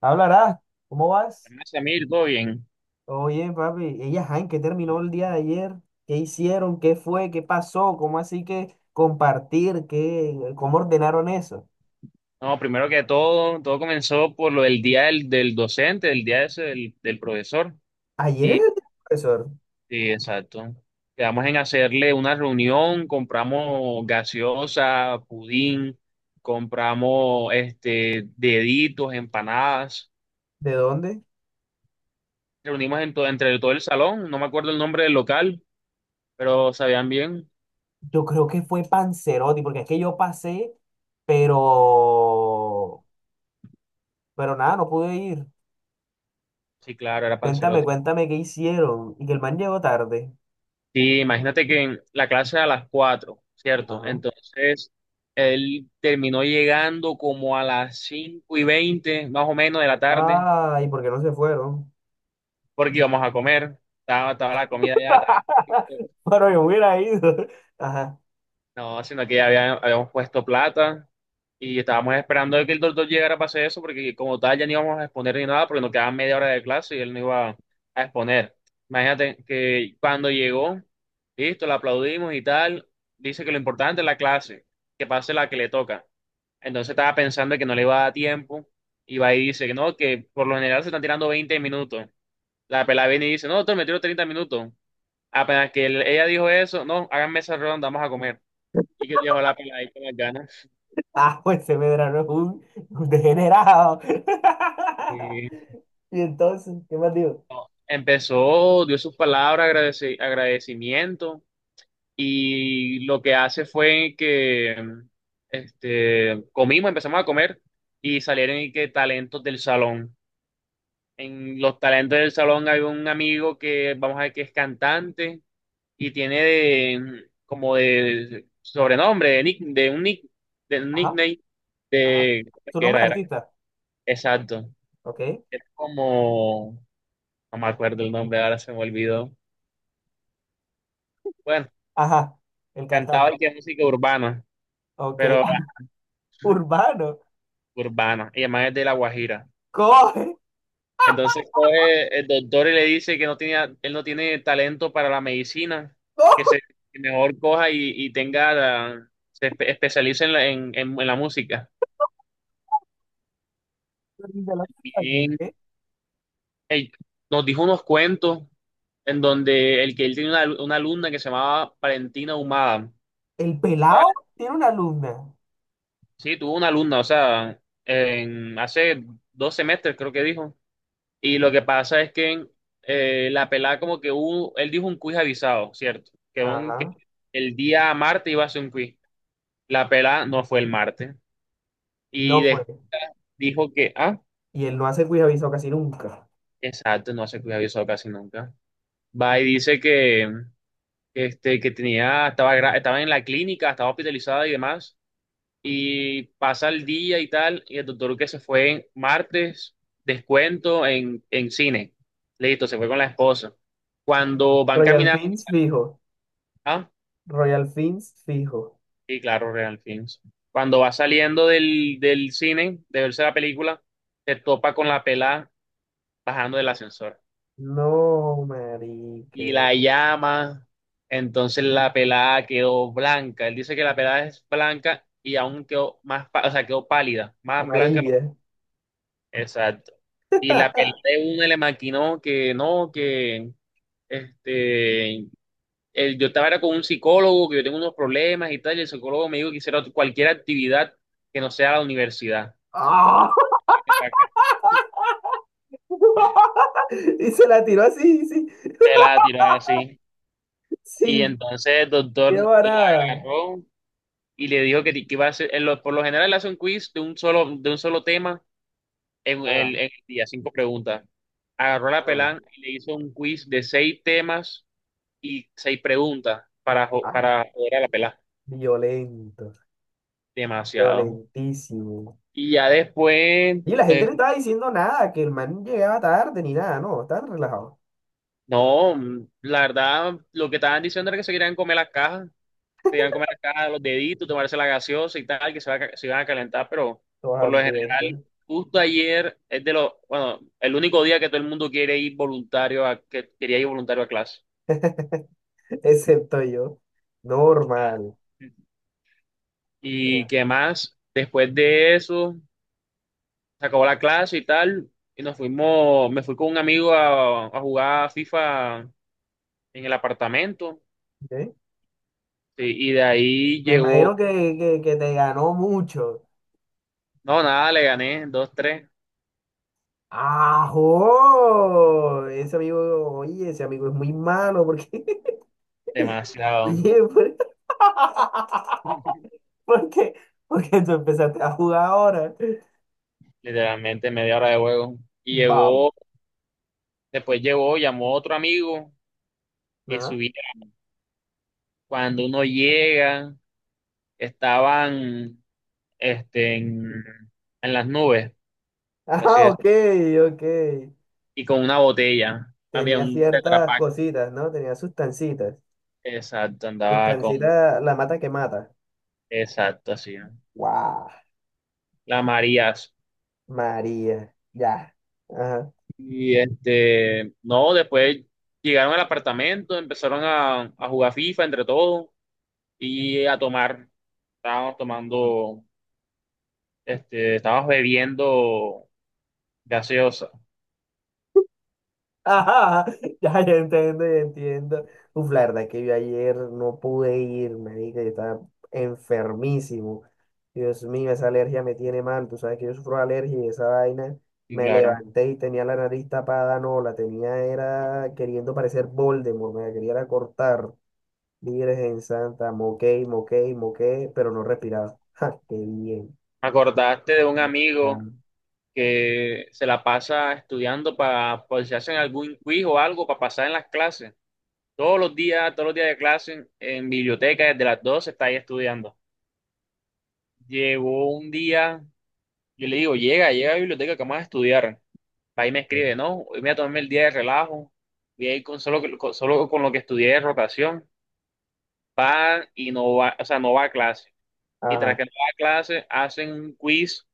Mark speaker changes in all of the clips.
Speaker 1: Hablarás, ¿cómo vas?
Speaker 2: Hola, Samir, ¿todo bien?
Speaker 1: Oye, papi, ella, ajá, ¿en qué terminó el día de ayer? ¿Qué hicieron? ¿Qué fue? ¿Qué pasó? ¿Cómo así que compartir? ¿Qué, cómo ordenaron eso?
Speaker 2: No, primero que todo, todo comenzó por lo del día del docente, del día ese del profesor.
Speaker 1: Ayer era el
Speaker 2: Y,
Speaker 1: día del profesor.
Speaker 2: sí, exacto. Quedamos en hacerle una reunión, compramos gaseosa, pudín, compramos deditos, empanadas.
Speaker 1: ¿De dónde?
Speaker 2: Reunimos entre todo el salón, no me acuerdo el nombre del local, pero sabían bien.
Speaker 1: Yo creo que fue Panzerotti, porque es que yo pasé, pero, pero nada, no pude ir.
Speaker 2: Sí, claro, era
Speaker 1: Cuéntame,
Speaker 2: Panzerotti.
Speaker 1: cuéntame qué hicieron. Y que el man llegó tarde.
Speaker 2: Sí, imagínate que en la clase era a las 4, ¿cierto?
Speaker 1: Ajá.
Speaker 2: Entonces, él terminó llegando como a las 5:20, más o menos, de la tarde,
Speaker 1: Ay, ¿por qué no se fueron?
Speaker 2: porque íbamos a comer. Estaba la comida ya, estaba cogida.
Speaker 1: Bueno, yo hubiera ido. Ajá.
Speaker 2: No, sino que ya habíamos puesto plata y estábamos esperando de que el doctor llegara para hacer eso, porque como tal ya no íbamos a exponer ni nada, porque nos quedaban media hora de clase y él no iba a exponer. Imagínate que cuando llegó, listo, le aplaudimos y tal, dice que lo importante es la clase, que pase la que le toca. Entonces estaba pensando que no le iba a dar tiempo y va y dice que no, que por lo general se están tirando 20 minutos. La pelada viene y dice, no, doctor, me tiro 30 minutos. Apenas que ella dijo eso, no, háganme esa ronda, vamos a comer y que dejó la peladita con las ganas.
Speaker 1: Ah, pues ese Medrano es un degenerado.
Speaker 2: Eh,
Speaker 1: Y entonces, ¿qué más digo?
Speaker 2: Empezó, dio sus palabras, agradecimiento, y lo que hace fue que comimos, empezamos a comer, y salieron y que talentos del salón. En los talentos del salón hay un amigo que vamos a ver que es cantante y tiene de, como de sobrenombre, de, nick, de un
Speaker 1: Ajá,
Speaker 2: nickname
Speaker 1: ajá.
Speaker 2: de,
Speaker 1: Su
Speaker 2: ¿qué
Speaker 1: nombre
Speaker 2: era?
Speaker 1: es
Speaker 2: Era,
Speaker 1: artista,
Speaker 2: exacto.
Speaker 1: ¿ok?
Speaker 2: Era como. No me acuerdo el nombre, ahora se me olvidó. Bueno,
Speaker 1: Ajá, el
Speaker 2: cantaba
Speaker 1: cantante,
Speaker 2: y que es música urbana,
Speaker 1: ¿ok?
Speaker 2: pero
Speaker 1: Urbano,
Speaker 2: urbana, y además es de La Guajira.
Speaker 1: coge.
Speaker 2: Entonces coge el doctor y le dice que no tenía, él no tiene talento para la medicina, que se que mejor coja y tenga, especialice en la música.
Speaker 1: De la calle, ¿qué?
Speaker 2: Y él nos dijo unos cuentos en donde el que él tenía una alumna que se llamaba Valentina Humada.
Speaker 1: El pelado tiene una alumna.
Speaker 2: Sí, tuvo una alumna, o sea, hace 2 semestres creo que dijo. Y lo que pasa es que la pelada como que hubo, él dijo un quiz avisado, ¿cierto? Que
Speaker 1: Ajá,
Speaker 2: el día martes iba a ser un quiz. La pelada no fue el martes. Y
Speaker 1: no fue.
Speaker 2: de- Dijo que,
Speaker 1: Y él no hace cuidaviso casi nunca.
Speaker 2: exacto, no hace quiz avisado casi nunca. Va y dice que, que tenía, estaba, estaba en la clínica, estaba hospitalizada y demás. Y pasa el día y tal, y el doctor que se fue en martes, descuento en cine. Listo, se fue con la esposa. Cuando van
Speaker 1: Royal
Speaker 2: caminando,
Speaker 1: Fins fijo.
Speaker 2: ah,
Speaker 1: Royal Fins fijo.
Speaker 2: sí, claro, Real Films. Cuando va saliendo del cine, de verse la película, se topa con la pelada bajando del ascensor
Speaker 1: No,
Speaker 2: y
Speaker 1: marica.
Speaker 2: la llama. Entonces la pelada quedó blanca. Él dice que la pelada es blanca y aún quedó más, o sea, quedó pálida, más blanca.
Speaker 1: Amarilla.
Speaker 2: Exacto. Y la pelea de una le maquinó que no, que este, yo estaba era con un psicólogo, que yo tengo unos problemas y tal, y el psicólogo me dijo que hiciera cualquier actividad que no sea la universidad.
Speaker 1: ah
Speaker 2: Que pa' qué.
Speaker 1: Y se la tiró así, sí,
Speaker 2: Se la tiró así. Y
Speaker 1: sin
Speaker 2: entonces el doctor
Speaker 1: miedo a
Speaker 2: la
Speaker 1: nada.
Speaker 2: agarró y le dijo que iba a hacer, por lo general le hace un quiz de un solo tema en
Speaker 1: Ah,
Speaker 2: el, en el día, 5 preguntas. Agarró la
Speaker 1: ah,
Speaker 2: pelán y le hizo un quiz de 6 temas y 6 preguntas
Speaker 1: ah,
Speaker 2: para joder a la pelada.
Speaker 1: violento,
Speaker 2: Demasiado.
Speaker 1: violentísimo.
Speaker 2: Y ya después,
Speaker 1: Y la gente no estaba diciendo nada, que el man llegaba tarde ni nada, no, estaban relajados,
Speaker 2: no, la verdad, lo que estaban diciendo era que se querían comer las cajas, se querían comer las cajas, los deditos, tomarse la gaseosa y tal, que se, va a ca- se iban a calentar, pero
Speaker 1: todos
Speaker 2: por lo
Speaker 1: hambrientos,
Speaker 2: general, justo ayer es de los, bueno, el único día que todo el mundo quiere ir voluntario a, que quería ir voluntario a clase.
Speaker 1: excepto yo.
Speaker 2: Ah.
Speaker 1: Normal.
Speaker 2: ¿Y qué más? Después de eso, se acabó la clase y tal, y nos fuimos, me fui con un amigo a jugar FIFA en el apartamento,
Speaker 1: ¿Ok?
Speaker 2: sí, y de ahí
Speaker 1: Me
Speaker 2: llegó,
Speaker 1: imagino que te ganó mucho.
Speaker 2: no, nada, le gané, dos, tres,
Speaker 1: ¡Ajo! Ese amigo, oye, ese amigo es muy malo porque,
Speaker 2: demasiado,
Speaker 1: oye, pues, ¿Por qué? Porque tú empezaste a jugar ahora.
Speaker 2: literalmente media hora de juego, y
Speaker 1: Wow.
Speaker 2: llegó, después llegó, llamó otro amigo, y
Speaker 1: Ajá.
Speaker 2: subí, cuando uno llega, estaban, este, en, en las nubes, por así
Speaker 1: Ah,
Speaker 2: es,
Speaker 1: ok, ok.
Speaker 2: y con una botella, había
Speaker 1: Tenía
Speaker 2: un
Speaker 1: ciertas
Speaker 2: tetrapack,
Speaker 1: cositas, ¿no? Tenía sustancitas.
Speaker 2: exacto, andaba
Speaker 1: Sustancita,
Speaker 2: con
Speaker 1: la mata que mata.
Speaker 2: Exacto, así, ¿no?
Speaker 1: Wow.
Speaker 2: La Marías.
Speaker 1: María. Ya. Ajá.
Speaker 2: Y no, después llegaron al apartamento, empezaron a jugar FIFA entre todos y a tomar. Estábamos tomando, estábamos bebiendo gaseosa.
Speaker 1: Ajá. Ya, ya entiendo, ya entiendo. Uf, la verdad es que yo ayer no pude ir, marica. Yo estaba enfermísimo. Dios mío, esa alergia me tiene mal. Tú sabes que yo sufro de alergia y esa vaina
Speaker 2: Y
Speaker 1: me
Speaker 2: claro,
Speaker 1: levanté y tenía la nariz tapada. No, la tenía, era queriendo parecer Voldemort, me la quería era cortar. Virgen Santa, moqué, moqué, moqué, pero no respiraba. ¡Ja! ¡Qué bien!
Speaker 2: me acordaste de un amigo
Speaker 1: Ah,
Speaker 2: que se la pasa estudiando para, por si hacen algún quiz o algo, para pasar en las clases. Todos los días de clase, en biblioteca, desde las 12 está ahí estudiando. Llegó un día. Yo le digo, llega, a la biblioteca que vamos a estudiar. Ahí me escribe, no, hoy me voy a tomarme el día de relajo, voy a ir con solo, con, solo con lo que estudié de rotación, pan y no va, o sea, no va a clase. Y tras
Speaker 1: Ajá.
Speaker 2: que no va a clase, hacen un quiz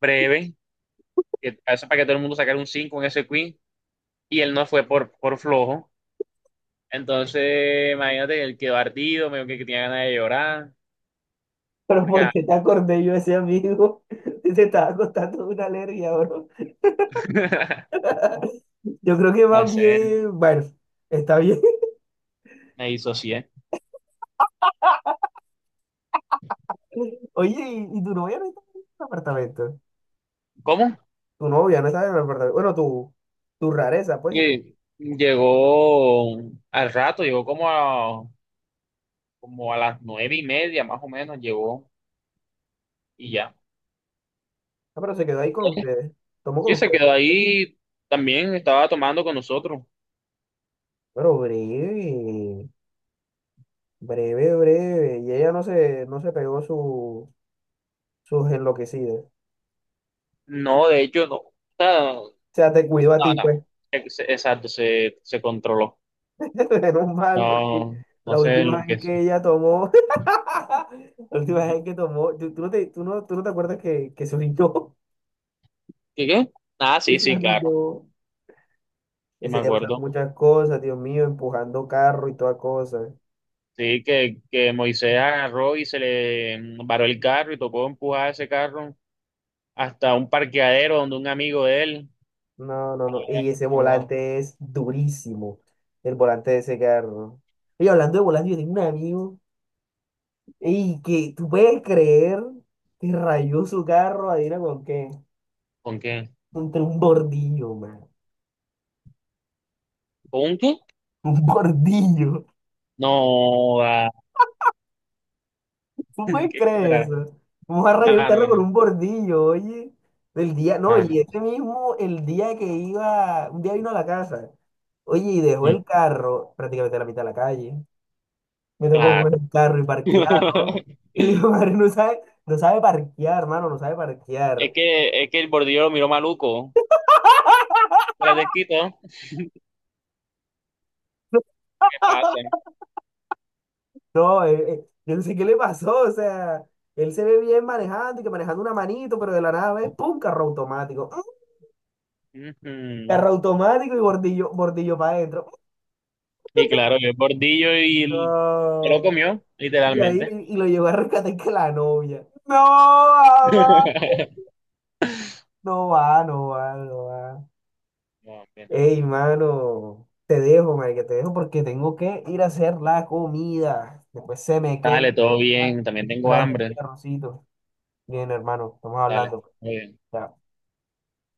Speaker 2: breve, que hace para que todo el mundo sacara un 5 en ese quiz, y él no fue por flojo. Entonces, imagínate, él quedó ardido, medio que tenía ganas de llorar,
Speaker 1: Pero
Speaker 2: porque,
Speaker 1: ¿por qué te acordé yo de ese amigo? Te estaba contando una alergia, bro. Yo creo que va
Speaker 2: no sé,
Speaker 1: bien, bueno, está bien.
Speaker 2: me disocié.
Speaker 1: Oye, ¿y tu novia no está en el apartamento?
Speaker 2: ¿Cómo?
Speaker 1: Tu novia no estaba en el apartamento. Bueno, tu rareza, pues.
Speaker 2: Sí, llegó al rato, llegó como a las 9:30 más o menos, llegó y ya.
Speaker 1: Ah, pero se quedó ahí con ustedes. Tomó
Speaker 2: Y
Speaker 1: con
Speaker 2: se
Speaker 1: ustedes.
Speaker 2: quedó ahí, también estaba tomando con nosotros.
Speaker 1: Pero breve, breve, breve. Y ella no se pegó su, sus enloquecidas. O
Speaker 2: No, de hecho, no. O sea, no,
Speaker 1: sea, te cuidó a ti,
Speaker 2: no,
Speaker 1: pues.
Speaker 2: exacto, se controló.
Speaker 1: Menos mal, porque
Speaker 2: No, no
Speaker 1: la
Speaker 2: sé lo
Speaker 1: última vez
Speaker 2: que
Speaker 1: que
Speaker 2: sí.
Speaker 1: ella tomó, la última vez que tomó, tú no te acuerdas que se orinó,
Speaker 2: ¿Qué qué? Ah,
Speaker 1: que
Speaker 2: sí,
Speaker 1: se
Speaker 2: sí, claro,
Speaker 1: orinó.
Speaker 2: sí me
Speaker 1: Ese día pasaron
Speaker 2: acuerdo.
Speaker 1: muchas cosas, Dios mío, empujando carro y toda cosa.
Speaker 2: Sí, que Moisés agarró y se le varó el carro y tocó empujar ese carro hasta un parqueadero donde un amigo de él.
Speaker 1: No, no, no. Y ese
Speaker 2: Wow.
Speaker 1: volante es durísimo. El volante de ese carro. Y hablando de volante, yo tengo un amigo. Y que tú puedes creer que rayó su carro, adivina con qué.
Speaker 2: ¿Con qué?
Speaker 1: Contra un bordillo, man.
Speaker 2: ¿Con un qué?
Speaker 1: Un bordillo.
Speaker 2: No, va.
Speaker 1: ¿Tú puedes
Speaker 2: ¿Qué
Speaker 1: creer
Speaker 2: era?
Speaker 1: eso? Vamos a rayar un
Speaker 2: Mano,
Speaker 1: carro con un bordillo, oye. El día, no, y
Speaker 2: mano.
Speaker 1: ese mismo, el día que iba, un día vino a la casa. Oye, y dejó
Speaker 2: Mm,
Speaker 1: el carro prácticamente a la mitad de la calle. Me tocó
Speaker 2: claro.
Speaker 1: coger el carro y parquearlo. El hijo de madre no sabe, no sabe parquear, hermano, no sabe parquear.
Speaker 2: Es que el bordillo lo miró maluco. Se. La de. ¿Qué pasa?
Speaker 1: No, yo no sé qué le pasó, o sea, él se ve bien manejando y que manejando una manito, pero de la nada ve, ¡pum! Carro automático. ¡Mm!
Speaker 2: Ujú.
Speaker 1: Carro automático y bordillo, bordillo para adentro.
Speaker 2: Y claro, el bordillo y
Speaker 1: Mm,
Speaker 2: se lo
Speaker 1: no.
Speaker 2: comió,
Speaker 1: Y ahí
Speaker 2: literalmente.
Speaker 1: y lo llevó a rescatar que la novia. No, mamá. No va, no va, no va.
Speaker 2: No, hombre, no.
Speaker 1: Ey, mano, te dejo, marica, te dejo porque tengo que ir a hacer la comida. Después se me quema
Speaker 2: Dale, todo bien. También tengo
Speaker 1: esperando aquí
Speaker 2: hambre.
Speaker 1: arrocito. Bien, hermano, estamos
Speaker 2: Dale,
Speaker 1: hablando.
Speaker 2: muy bien.
Speaker 1: Chao.